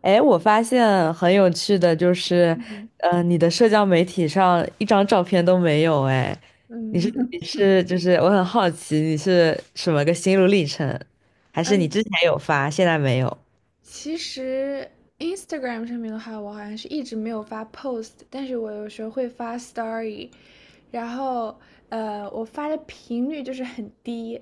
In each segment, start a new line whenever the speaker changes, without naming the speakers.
哎，我发现很有趣的就是，
嗯
你的社交媒体上一张照片都没有哎，你
嗯
是你 是就是我很好奇你是什么个心路历程，还是你
嗯，
之前有发，现在没有？
其实 Instagram 上面的话，我好像是一直没有发 post，但是我有时候会发 story。然后，我发的频率就是很低，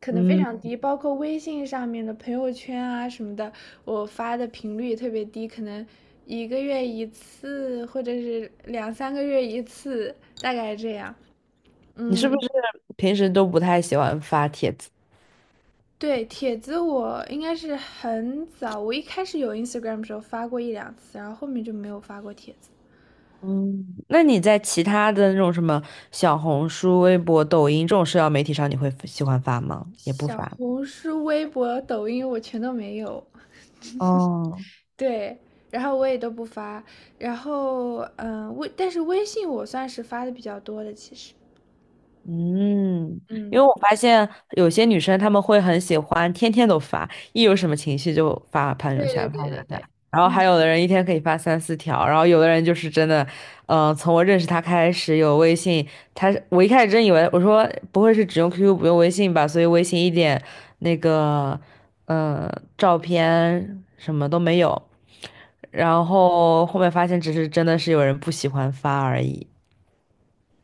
可能非
嗯，
常低，包括微信上面的朋友圈啊什么的，我发的频率也特别低，可能一个月一次，或者是两三个月一次，大概这样。
你是不
嗯，
是平时都不太喜欢发帖子？
对，帖子我应该是很早，我一开始有 Instagram 的时候发过一两次，然后后面就没有发过帖子。
嗯，那你在其他的那种什么小红书、微博、抖音这种社交媒体上，你会喜欢发吗？也不
小
发。
红书、微博、抖音我全都没有，
哦，
对，然后我也都不发。然后，但是微信我算是发的比较多的，其实。
嗯，因为
嗯，
我发现有些女生她们会很喜欢天天都发，一有什么情绪就发朋
对
友
对
圈，发
对
朋友
对
圈。
对，
然后
嗯。
还有的人一天可以发三四条，然后有的人就是真的，从我认识他开始有微信，他我一开始真以为我说不会是只用 QQ 不用微信吧，所以微信一点那个照片什么都没有，然后后面发现只是真的是有人不喜欢发而已。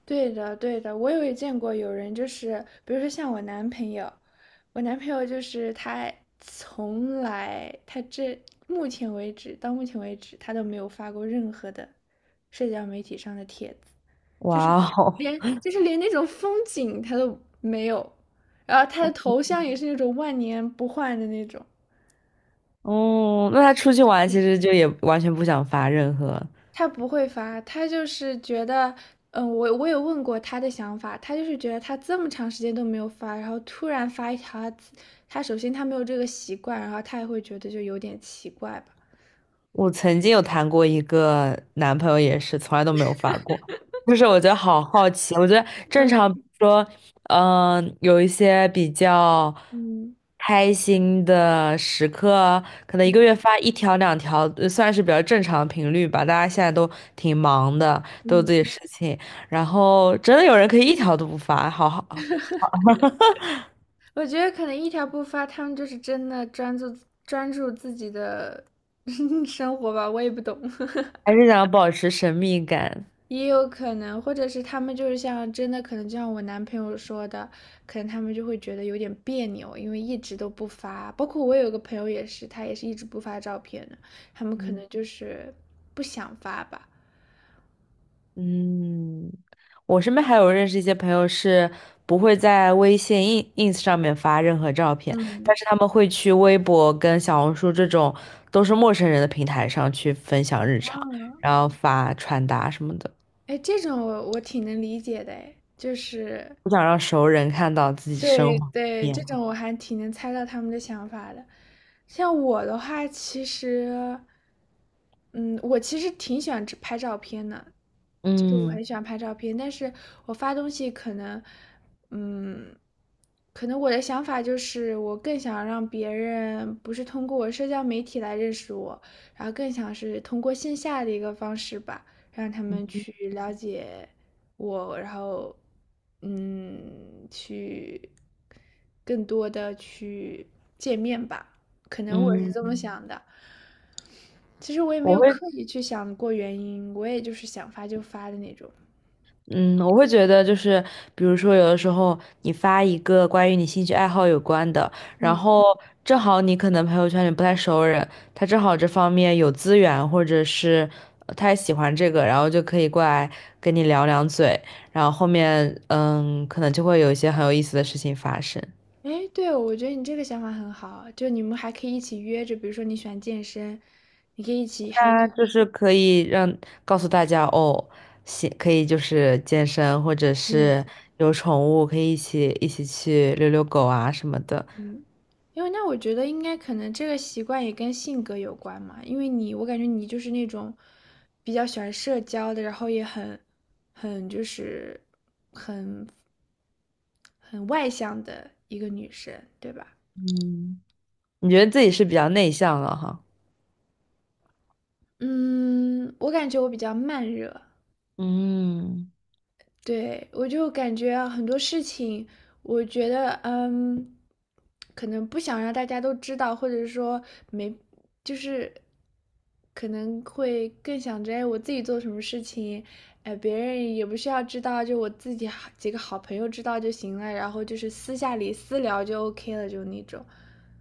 对的，对的，我有也见过有人就是，比如说像我男朋友就是他从来，他这目前为止，到目前为止，他都没有发过任何的社交媒体上的帖子，就是
哇哦！
连那种风景他都没有，然后他的头像也是那种万年不换的那种，
哦，那他出去玩其实就也完全不想发任何。
他不会发，他就是觉得，嗯，我有问过他的想法，他就是觉得他这么长时间都没有发，然后突然发一条他首先他没有这个习惯，然后他也会觉得就有点奇怪吧。
我曾经有谈过一个男朋友，也是从来都没有发过。就是我觉得好好奇，我觉得正
嗯
常比如说，有一些比较
嗯
开心的时刻，可能一个
嗯
月发一条两条，算是比较正常的频率吧。大家现在都挺忙的，都有
嗯，
自己的事情，然后真的有人可以一条都不发，好好，
我觉得可能一条不发，他们就是真的专注自己的 生活吧，我也不懂。
还是想要保持神秘感。
也有可能，或者是他们就是像真的，可能就像我男朋友说的，可能他们就会觉得有点别扭，因为一直都不发。包括我有个朋友也是，他也是一直不发照片的，他们可能就是不想发吧。
嗯，我身边还有认识一些朋友是不会在微信、ins 上面发任何照片，
嗯。
但是他们会去微博跟小红书这种都是陌生人的平台上去分享日常，然后发穿搭什么的，
哎，这种我挺能理解的，哎，就是
不想让熟人看到自己生
对
活。
对，
面。
这种我还挺能猜到他们的想法的。像我的话，其实，嗯，我其实挺喜欢只拍照片的，就我
嗯
很喜欢拍照片，但是我发东西可能，嗯，可能我的想法就是，我更想让别人不是通过我社交媒体来认识我，然后更想是通过线下的一个方式吧，让他们
嗯
去了解我，然后，嗯，去更多的去见面吧，可能我是
嗯，
这么想的。其实我也没
我
有
会。
刻意去想过原因，我也就是想发就发的那种。
嗯，我会觉得就是，比如说有的时候你发一个关于你兴趣爱好有关的，然
嗯。
后正好你可能朋友圈里不太熟人，他正好这方面有资源，或者是他也喜欢这个，然后就可以过来跟你聊两嘴，然后后面嗯，可能就会有一些很有意思的事情发生。
哎，对，我觉得你这个想法很好，就你们还可以一起约着，比如说你喜欢健身，你可以一起，还可
那
以。
就是可以让告诉大家哦，行，可以就是健身，或者
嗯
是有宠物，可以一起去遛遛狗啊什么的。
嗯，因为那我觉得应该可能这个习惯也跟性格有关嘛，因为你，我感觉你就是那种比较喜欢社交的，然后也很就是很外向的一个女生，对吧？
嗯，你觉得自己是比较内向了哈？
嗯，我感觉我比较慢热。
嗯，
对，我就感觉啊很多事情，我觉得，嗯，可能不想让大家都知道，或者说没，就是可能会更想着，哎，我自己做什么事情，哎，别人也不需要知道，就我自己好几个好朋友知道就行了，然后就是私下里私聊就 OK 了，就那种。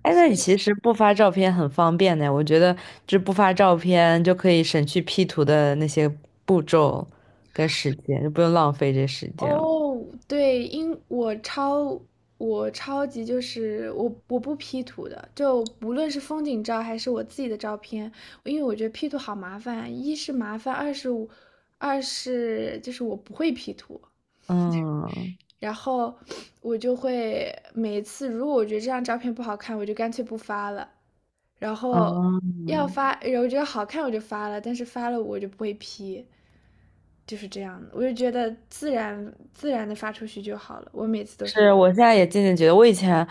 哎，那你其实不发照片很方便的，我觉得这不发照片就可以省去 P 图的那些步骤跟时间，就不用浪费这时间了。
哦，对，因我超我超级就是我不 P 图的，就不论是风景照还是我自己的照片，因为我觉得 P 图好麻烦，一是麻烦，二是就是我不会 P 图。
嗯，
然后我就会每一次，如果我觉得这张照片不好看，我就干脆不发了。然后
哦，
要发，然后我觉得好看我就发了，但是发了我就不会 P,就是这样的。我就觉得自然的发出去就好了。我每次都
是
是，
我现在也渐渐觉得，我以前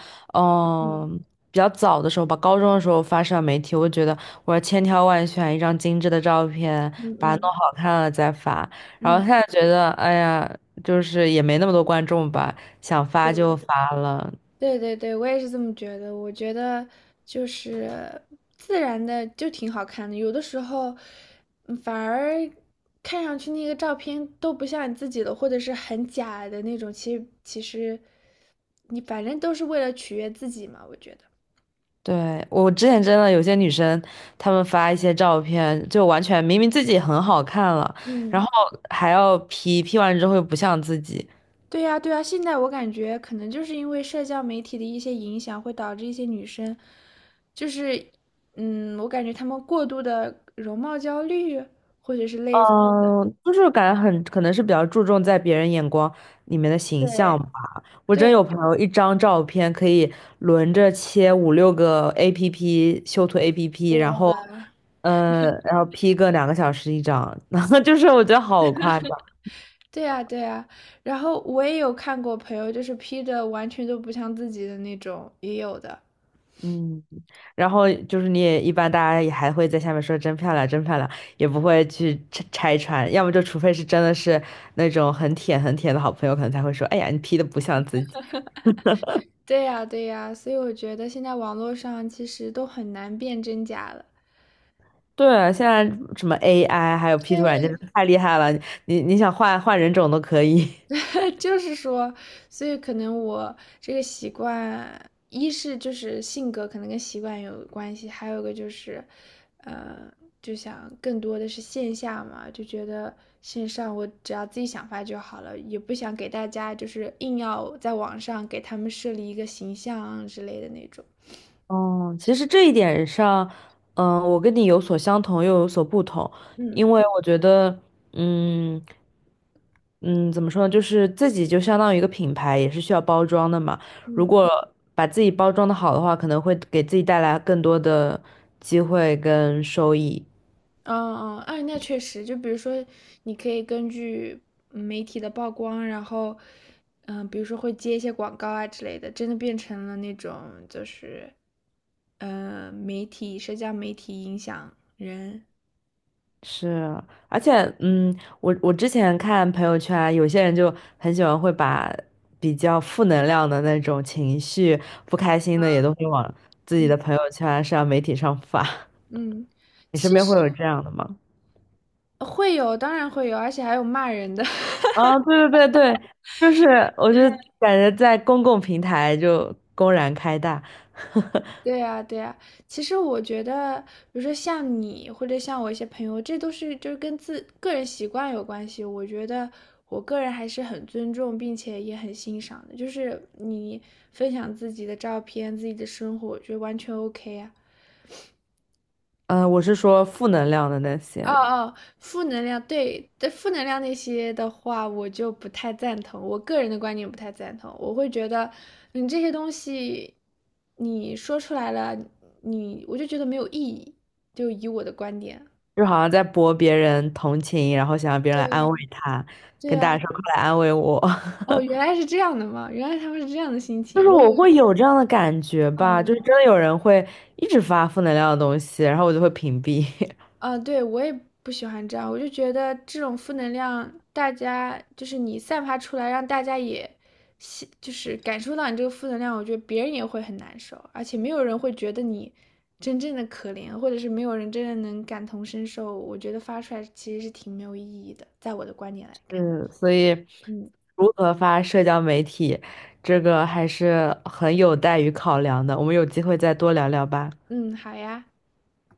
嗯
嗯比较早的时候吧，高中的时候发社交媒体，我就觉得我要千挑万选一张精致的照片，
嗯
把它弄
嗯
好看了再发。然后
嗯，
现在觉得，哎呀，就是也没那么多观众吧，想发
对。
就发了。
对对对，我也是这么觉得。我觉得就是自然的就挺好看的，有的时候反而看上去那个照片都不像你自己的，或者是很假的那种。其实你反正都是为了取悦自己嘛，我觉得。
对，我之前真的有些女生，她们发一些照片，就完全明明自己很好看了，然
嗯，
后还要 P，P 完之后又不像自己，
对呀，对呀，现在我感觉可能就是因为社交媒体的一些影响，会导致一些女生，就是，嗯，我感觉她们过度的容貌焦虑，或者是类似的，
嗯，就是感觉很可能是比较注重在别人眼光里面的形象
对。
吧。我真有
对，
朋友一张照片可以轮着切五六个 APP 修图 APP，然后，
哇，
然后 P 个两个小时一张，然后就是我觉得好夸张，
对呀，对呀，然后我也有看过朋友，就是 P 的完全都不像自己的那种，也有的。
嗯。然后就是你也一般大家也还会在下面说真漂亮，真漂亮，也不会去拆穿，要么就除非是真的是那种很舔很舔的好朋友，可能才会说，哎呀，你 P 的不像自己。
对呀，对呀，所以我觉得现在网络上其实都很难辨真假了。
对，现在什么 AI 还有 P 图软件太厉害了，你想换换人种都可以。
就是说，所以可能我这个习惯，一是就是性格可能跟习惯有关系，还有一个就是，呃，就想更多的是线下嘛，就觉得线上我只要自己想发就好了，也不想给大家就是硬要在网上给他们设立一个形象之类的那种。
哦，其实这一点上，我跟你有所相同，又有所不同，
嗯
因为我觉得，嗯嗯，怎么说呢，就是自己就相当于一个品牌，也是需要包装的嘛。如
嗯。
果把自己包装的好的话，可能会给自己带来更多的机会跟收益。
嗯嗯，哎，那确实，就比如说，你可以根据媒体的曝光，然后，嗯、比如说会接一些广告啊之类的，真的变成了那种就是，媒体、社交媒体影响人。
是，而且，嗯，我之前看朋友圈，有些人就很喜欢会把比较负能量的那种情绪、不开心的也都会往自己
嗯
的朋友圈、社交媒体上发。
嗯，
你身
其
边会
实
有这样的吗？
会有，当然会有，而且还有骂人的。
啊，对对对对，就是我就感觉在公共平台就公然开大，
对呀，对呀，其实我觉得，比如说像你或者像我一些朋友，这都是就是跟自个人习惯有关系。我觉得我个人还是很尊重，并且也很欣赏的。就是你分享自己的照片、自己的生活，我觉得完全 OK 啊。
嗯、我是说负能量的那
哦
些，
哦，负能量，对，对，负能量那些的话，我就不太赞同。我个人的观点不太赞同，我会觉得你这些东西你说出来了，你我就觉得没有意义。就以我的观点，
就好像在博别人同情，然后想让别人
对
来
呀，
安慰他，
对
跟大
呀，
家说快来安慰我。
哦，原来是这样的嘛，原来他们是这样的心
就
情，
是
我以
我
为，
会有这样的感觉吧，就
嗯
是真的有人会一直发负能量的东西，然后我就会屏蔽。
啊，对，我也不喜欢这样，我就觉得这种负能量，大家就是你散发出来，让大家也吸，就是感受到你这个负能量，我觉得别人也会很难受，而且没有人会觉得你真正的可怜，或者是没有人真的能感同身受，我觉得发出来其实是挺没有意义的，在我的观点来看。
嗯，所以
嗯
如何发社交媒体，这个还是很有待于考量的。我们有机会再多聊聊吧。
嗯，好呀。